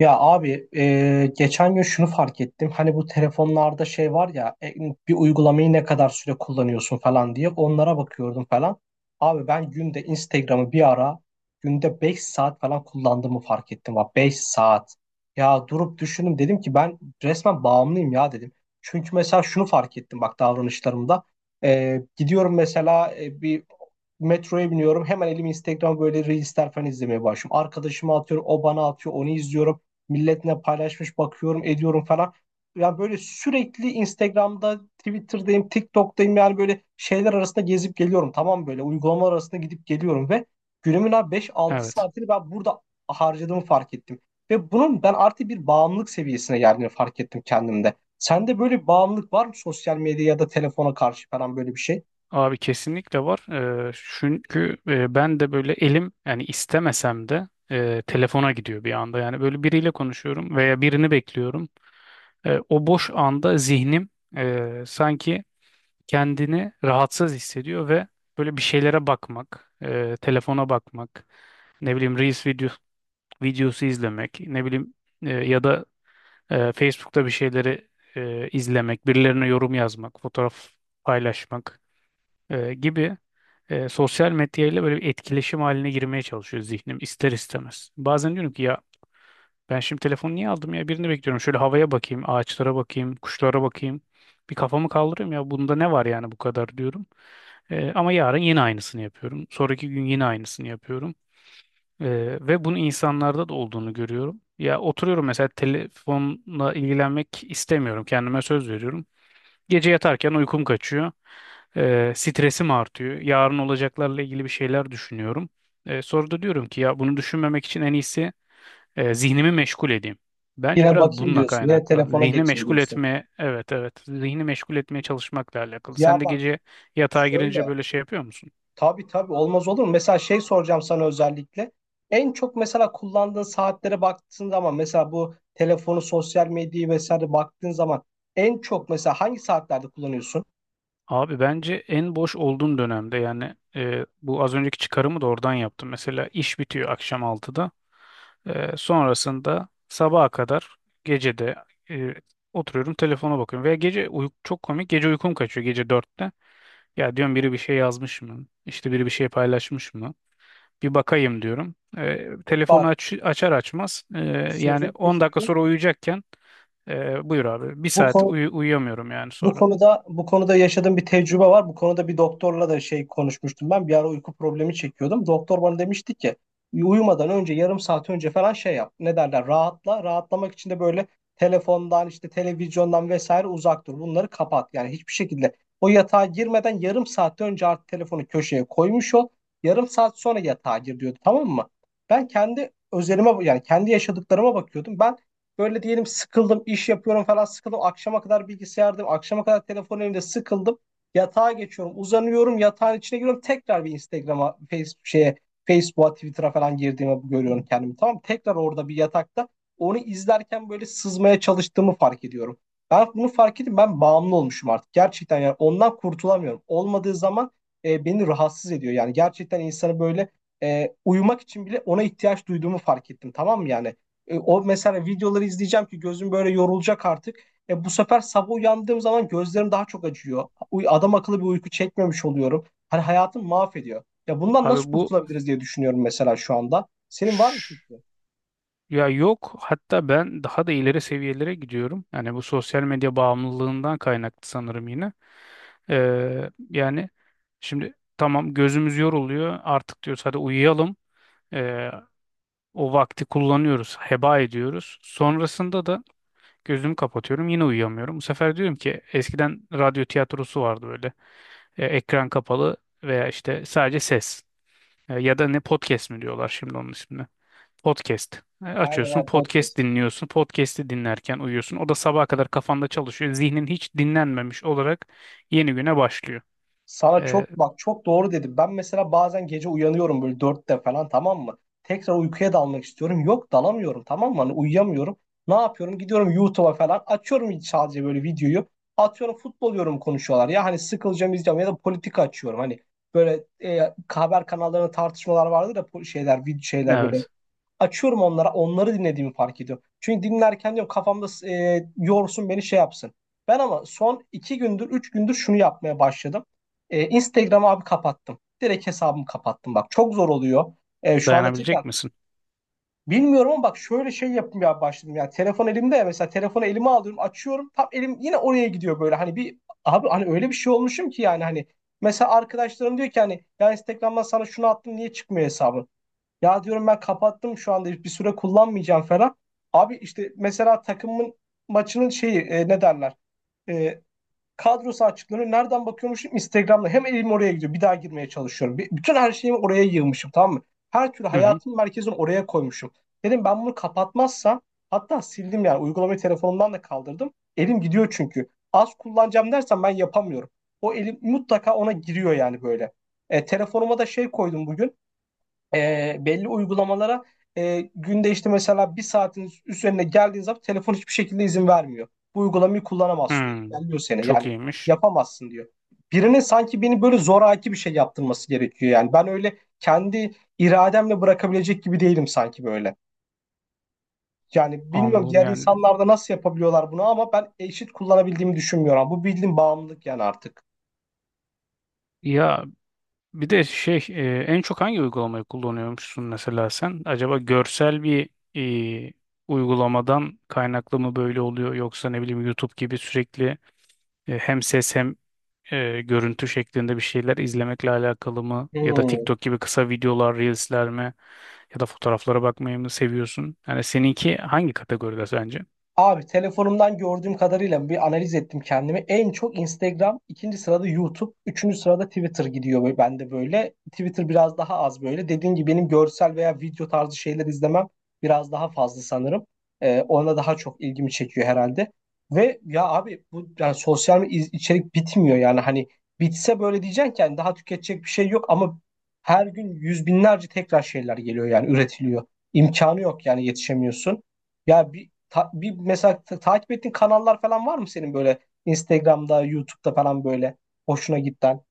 Ya abi geçen gün şunu fark ettim. Hani bu telefonlarda şey var ya bir uygulamayı ne kadar süre kullanıyorsun falan diye onlara bakıyordum falan. Abi ben günde Instagram'ı bir ara günde 5 saat falan kullandığımı fark ettim. Bak, 5 saat. Ya durup düşündüm, dedim ki ben resmen bağımlıyım ya dedim. Çünkü mesela şunu fark ettim, bak, davranışlarımda. Gidiyorum mesela bir metroya biniyorum, hemen elimi Instagram, böyle reelsler falan izlemeye başlıyorum. Arkadaşıma atıyorum, o bana atıyor, onu izliyorum, milletle paylaşmış, bakıyorum, ediyorum falan. Yani böyle sürekli Instagram'da, Twitter'dayım, TikTok'tayım, yani böyle şeyler arasında gezip geliyorum. Tamam, böyle uygulamalar arasında gidip geliyorum ve günümün abi 5-6 Evet. saatini ben burada harcadığımı fark ettim. Ve bunun ben artık bir bağımlılık seviyesine geldiğini fark ettim kendimde. Sende böyle bir bağımlılık var mı, sosyal medya ya da telefona karşı falan, böyle bir şey? Abi kesinlikle var. Ee, Çünkü ben de böyle elim yani istemesem de telefona gidiyor bir anda. Yani böyle biriyle konuşuyorum veya birini bekliyorum. O boş anda zihnim sanki kendini rahatsız hissediyor ve böyle bir şeylere bakmak, telefona bakmak, ne bileyim Reels video, videosu izlemek, ne bileyim ya da Facebook'ta bir şeyleri izlemek, birilerine yorum yazmak, fotoğraf paylaşmak. Gibi sosyal medyayla böyle bir etkileşim haline girmeye çalışıyor zihnim ister istemez. Bazen diyorum ki ya ben şimdi telefonu niye aldım ya birini bekliyorum. Şöyle havaya bakayım, ağaçlara bakayım, kuşlara bakayım. Bir kafamı kaldırayım ya bunda ne var yani bu kadar diyorum. Ama yarın yine aynısını yapıyorum. Sonraki gün yine aynısını yapıyorum. E, Ve bunu insanlarda da olduğunu görüyorum. Ya oturuyorum mesela telefonla ilgilenmek istemiyorum. Kendime söz veriyorum. Gece yatarken uykum kaçıyor. Stresim artıyor. Yarın olacaklarla ilgili bir şeyler düşünüyorum. Sonra da diyorum ki ya bunu düşünmemek için en iyisi zihnimi meşgul edeyim. Bence Yine biraz bakayım bununla diyorsun. Yine kaynaklı. telefona Zihni geçeyim meşgul diyorsun. etmeye, evet evet, zihni meşgul etmeye çalışmakla alakalı. Sen Ya de bak, gece yatağa girince şöyle... böyle şey yapıyor musun? Tabii tabii, olmaz olur mu? Mesela şey soracağım sana özellikle. En çok mesela kullandığın saatlere baktığın zaman, mesela bu telefonu, sosyal medyayı vesaire baktığın zaman, en çok mesela hangi saatlerde kullanıyorsun? Abi bence en boş olduğum dönemde yani bu az önceki çıkarımı da oradan yaptım. Mesela iş bitiyor akşam 6'da. Sonrasında sabaha kadar gecede e, oturuyorum telefona bakıyorum. Veya gece çok komik gece uykum kaçıyor gece 4'te. Ya diyorum biri bir şey yazmış mı? İşte biri bir şey paylaşmış mı? Bir bakayım diyorum. Telefonu Bak, aç, açar açmaz yani sözünü 10 dakika kesiyorum. sonra uyuyacakken buyur abi bir Bu saat konu uyuyamıyorum yani Bu sonra. konuda bu konuda yaşadığım bir tecrübe var. Bu konuda bir doktorla da şey konuşmuştum ben. Bir ara uyku problemi çekiyordum. Doktor bana demişti ki uyumadan önce yarım saat önce falan şey yap. Ne derler? Rahatla. Rahatlamak için de böyle telefondan, işte televizyondan vesaire uzak dur. Bunları kapat. Yani hiçbir şekilde o yatağa girmeden yarım saat önce artık telefonu köşeye koymuş ol. Yarım saat sonra yatağa gir, diyordu. Tamam mı? Ben kendi özelime yani kendi yaşadıklarıma bakıyordum. Böyle diyelim, sıkıldım, iş yapıyorum falan, sıkıldım. Akşama kadar bilgisayardayım, akşama kadar telefon elimde, sıkıldım. Yatağa geçiyorum, uzanıyorum, yatağın içine giriyorum. Tekrar bir Instagram'a, Facebook şeye, Facebook'a, Twitter'a falan girdiğimi görüyorum kendimi. Tamam mı? Tekrar orada bir yatakta onu izlerken böyle sızmaya çalıştığımı fark ediyorum. Ben bunu fark ettim. Ben bağımlı olmuşum artık. Gerçekten, yani ondan kurtulamıyorum. Olmadığı zaman beni rahatsız ediyor. Yani gerçekten insanı böyle uyumak için bile ona ihtiyaç duyduğumu fark ettim. Tamam mı yani? O mesela videoları izleyeceğim ki gözüm böyle yorulacak artık. Bu sefer sabah uyandığım zaman gözlerim daha çok acıyor. Adam akıllı bir uyku çekmemiş oluyorum. Hani hayatım mahvediyor. Ya bundan Abi nasıl bu kurtulabiliriz diye düşünüyorum mesela şu anda. Senin var mı şş, fikrin? ya yok hatta ben daha da ileri seviyelere gidiyorum. Yani bu sosyal medya bağımlılığından kaynaklı sanırım yine. Yani şimdi tamam gözümüz yoruluyor artık diyoruz hadi uyuyalım. Ee, O vakti kullanıyoruz, heba ediyoruz. Sonrasında da gözümü kapatıyorum yine uyuyamıyorum. Bu sefer diyorum ki eskiden radyo tiyatrosu vardı böyle. Ekran kapalı veya işte sadece ses. Ya da ne podcast mi diyorlar şimdi onun ismini. Podcast. Aynen Açıyorsun aynen, podcast podcast. dinliyorsun. Podcast'i dinlerken uyuyorsun. O da sabaha kadar kafanda çalışıyor. Zihnin hiç dinlenmemiş olarak yeni güne başlıyor. Sana Ee, çok, bak, çok doğru dedim. Ben mesela bazen gece uyanıyorum böyle 4'te falan, tamam mı? Tekrar uykuya dalmak istiyorum. Yok, dalamıyorum, tamam mı? Hani uyuyamıyorum. Ne yapıyorum? Gidiyorum YouTube'a falan. Açıyorum sadece böyle videoyu. Atıyorum, futbol diyorum, konuşuyorlar. Ya hani sıkılacağım, izleyeceğim, ya da politika açıyorum. Hani böyle haber kanallarında tartışmalar vardır da, şeyler, video şeyler böyle. evet. Açıyorum onlara, onları dinlediğimi fark ediyorum. Çünkü dinlerken diyorum kafamda yorsun beni, şey yapsın. Ben ama son 2 gündür, 3 gündür şunu yapmaya başladım. Instagram'ı abi kapattım. Direkt hesabımı kapattım. Bak, çok zor oluyor. Şu anda cidden Dayanabilecek misin? bilmiyorum, ama bak, şöyle şey yapmaya başladım. Yani telefon elimde, ya mesela telefonu elime alıyorum, açıyorum. Tam elim yine oraya gidiyor böyle. Hani bir, abi, hani öyle bir şey olmuşum ki, yani hani... Mesela arkadaşlarım diyor ki, hani ya Instagram'dan sana şunu attım, niye çıkmıyor hesabın? Ya diyorum ben kapattım, şu anda bir süre kullanmayacağım falan. Abi işte mesela takımın maçının şeyi, ne derler? E, kadrosu açıklanıyor. Nereden bakıyormuşum? Instagram'da. Hem elim oraya gidiyor. Bir daha girmeye çalışıyorum. Bütün her şeyimi oraya yığmışım, tamam mı? Her türlü Hı hı. hayatımın merkezini oraya koymuşum. Dedim ben bunu kapatmazsam, hatta sildim yani. Uygulamayı telefonumdan da kaldırdım. Elim gidiyor çünkü. Az kullanacağım dersen ben yapamıyorum. O elim mutlaka ona giriyor yani böyle. Telefonuma da şey koydum bugün, belli uygulamalara, günde işte mesela bir saatin üzerine geldiğin zaman telefon hiçbir şekilde izin vermiyor. Bu uygulamayı kullanamazsın, diyor. Hmm. Engelliyor seni. Çok Yani iyiymiş. yapamazsın, diyor. Birine sanki beni böyle zoraki bir şey yaptırması gerekiyor yani. Ben öyle kendi irademle bırakabilecek gibi değilim sanki böyle. Yani bilmiyorum, Anladım diğer yani. insanlar da nasıl yapabiliyorlar bunu, ama ben eşit kullanabildiğimi düşünmüyorum. Bu bildiğin bağımlılık yani artık. Ya bir de şey en çok hangi uygulamayı kullanıyormuşsun mesela sen? Acaba görsel bir e, uygulamadan kaynaklı mı böyle oluyor yoksa ne bileyim YouTube gibi sürekli hem ses hem görüntü şeklinde bir şeyler izlemekle alakalı mı? Ya da Hmm. TikTok gibi kısa videolar, reelsler mi? Ya da fotoğraflara bakmayı mı seviyorsun? Yani seninki hangi kategoride sence? Abi telefonumdan gördüğüm kadarıyla bir analiz ettim kendimi. En çok Instagram, ikinci sırada YouTube, üçüncü sırada Twitter gidiyor böyle bende, böyle. Twitter biraz daha az böyle. Dediğim gibi benim görsel veya video tarzı şeyler izlemem biraz daha fazla sanırım. Ona daha çok ilgimi çekiyor herhalde. Ve ya abi bu, yani sosyal medya, içerik bitmiyor yani, hani bitse böyle diyeceksin ki hani daha tüketecek bir şey yok, ama her gün yüz binlerce tekrar şeyler geliyor yani, üretiliyor. İmkanı yok yani, yetişemiyorsun. Ya bir mesela takip ettiğin kanallar falan var mı senin böyle Instagram'da, YouTube'da falan böyle hoşuna giden?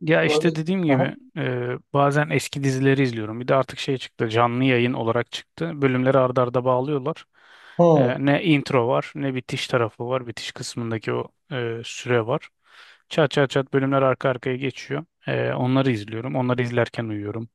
Ya Böyle. işte dediğim Aha. gibi bazen eski dizileri izliyorum. Bir de artık şey çıktı canlı yayın olarak çıktı. Bölümleri arda arda bağlıyorlar. Hı, Ne intro var ne bitiş tarafı var. Bitiş kısmındaki o süre var. Çat çat çat bölümler arka arkaya geçiyor. Onları izliyorum. Onları izlerken uyuyorum.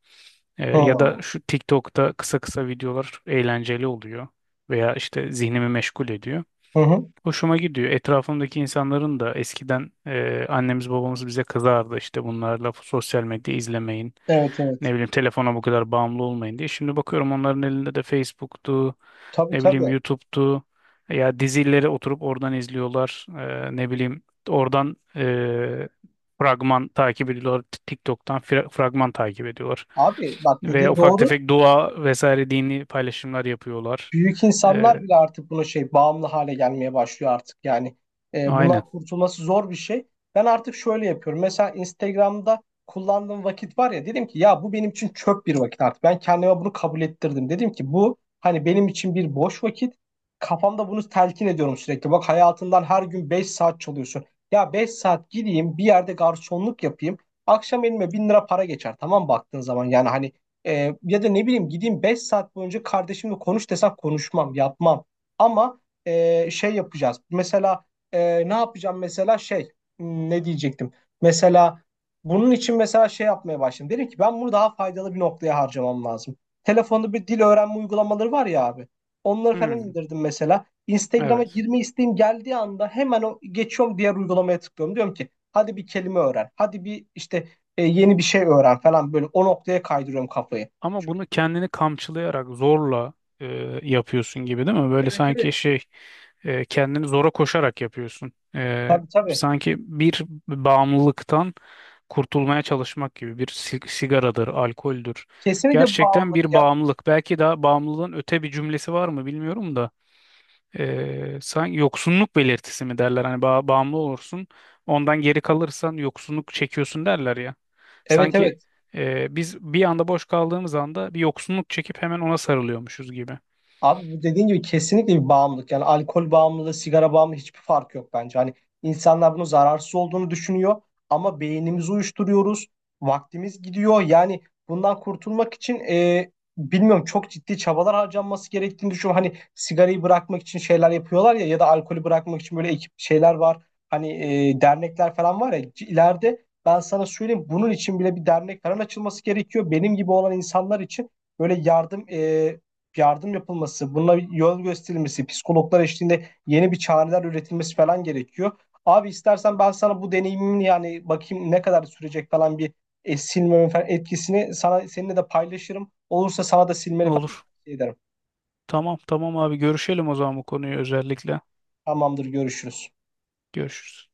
Hı, Ya da şu TikTok'ta kısa kısa videolar eğlenceli oluyor. Veya işte zihnimi meşgul ediyor. hı, hı. Hoşuma gidiyor. Etrafımdaki insanların da eskiden annemiz babamız bize kızardı işte bunlarla sosyal medya izlemeyin. Evet Ne evet. bileyim telefona bu kadar bağımlı olmayın diye. Şimdi bakıyorum onların elinde de Facebook'tu, Tabii ne bileyim tabii. YouTube'tu. Ya dizileri oturup oradan izliyorlar. Ne bileyim oradan fragman takip ediyorlar. TikTok'tan fragman takip ediyorlar. Abi bak, Ve dediğin ufak doğru. tefek dua vesaire dini paylaşımlar yapıyorlar. Büyük insanlar E, bile artık buna şey, bağımlı hale gelmeye başlıyor artık yani. E, aynen. bundan kurtulması zor bir şey. Ben artık şöyle yapıyorum. Mesela Instagram'da kullandığım vakit var ya, dedim ki ya bu benim için çöp bir vakit artık. Ben kendime bunu kabul ettirdim. Dedim ki bu hani benim için bir boş vakit. Kafamda bunu telkin ediyorum sürekli. Bak, hayatından her gün 5 saat çalıyorsun. Ya 5 saat gideyim bir yerde garsonluk yapayım. Akşam elime 1.000 lira para geçer. Tamam, baktığın zaman, yani hani ya da ne bileyim gideyim 5 saat boyunca kardeşimle konuş desem konuşmam, yapmam. Ama şey yapacağız. Mesela ne yapacağım, mesela şey, ne diyecektim? Mesela bunun için mesela şey yapmaya başladım. Dedim ki ben bunu daha faydalı bir noktaya harcamam lazım. Telefonda bir dil öğrenme uygulamaları var ya abi. Onları falan Hmm, indirdim mesela. Instagram'a evet. girme isteğim geldiği anda hemen o, geçiyorum diğer uygulamaya, tıklıyorum. Diyorum ki hadi bir kelime öğren. Hadi bir, işte yeni bir şey öğren falan, böyle o noktaya kaydırıyorum kafayı. Ama Çünkü bunu kendini kamçılayarak zorla e, yapıyorsun gibi değil mi? Böyle Evet sanki evet. şey kendini zora koşarak yapıyorsun. Tabii tabii. Sanki bir bağımlılıktan kurtulmaya çalışmak gibi bir sigaradır, alkoldür. Kesinlikle Gerçekten bağımlılık bir ya. bağımlılık. Belki daha bağımlılığın öte bir cümlesi var mı bilmiyorum da. Sanki yoksunluk belirtisi mi derler hani bağımlı olursun ondan geri kalırsan yoksunluk çekiyorsun derler ya Evet sanki evet. Biz bir anda boş kaldığımız anda bir yoksunluk çekip hemen ona sarılıyormuşuz gibi. Abi bu dediğin gibi kesinlikle bir bağımlılık. Yani alkol bağımlılığı, sigara bağımlılığı, hiçbir fark yok bence. Hani insanlar bunun zararsız olduğunu düşünüyor, ama beynimizi uyuşturuyoruz. Vaktimiz gidiyor. Yani bundan kurtulmak için bilmiyorum, çok ciddi çabalar harcanması gerektiğini düşünüyorum. Hani sigarayı bırakmak için şeyler yapıyorlar ya, ya da alkolü bırakmak için böyle ekip şeyler var. Hani dernekler falan var ya, ileride ben sana söyleyeyim, bunun için bile bir dernek falan açılması gerekiyor. Benim gibi olan insanlar için böyle yardım, yardım yapılması, buna bir yol gösterilmesi, psikologlar eşliğinde yeni bir çareler üretilmesi falan gerekiyor. Abi istersen ben sana bu deneyimin, yani bakayım ne kadar sürecek falan, bir silmemin falan etkisini sana, seninle de paylaşırım. Olursa sana da silmeni falan Olur. tavsiye ederim. Tamam tamam abi görüşelim o zaman bu konuyu özellikle. Tamamdır, görüşürüz. Görüşürüz.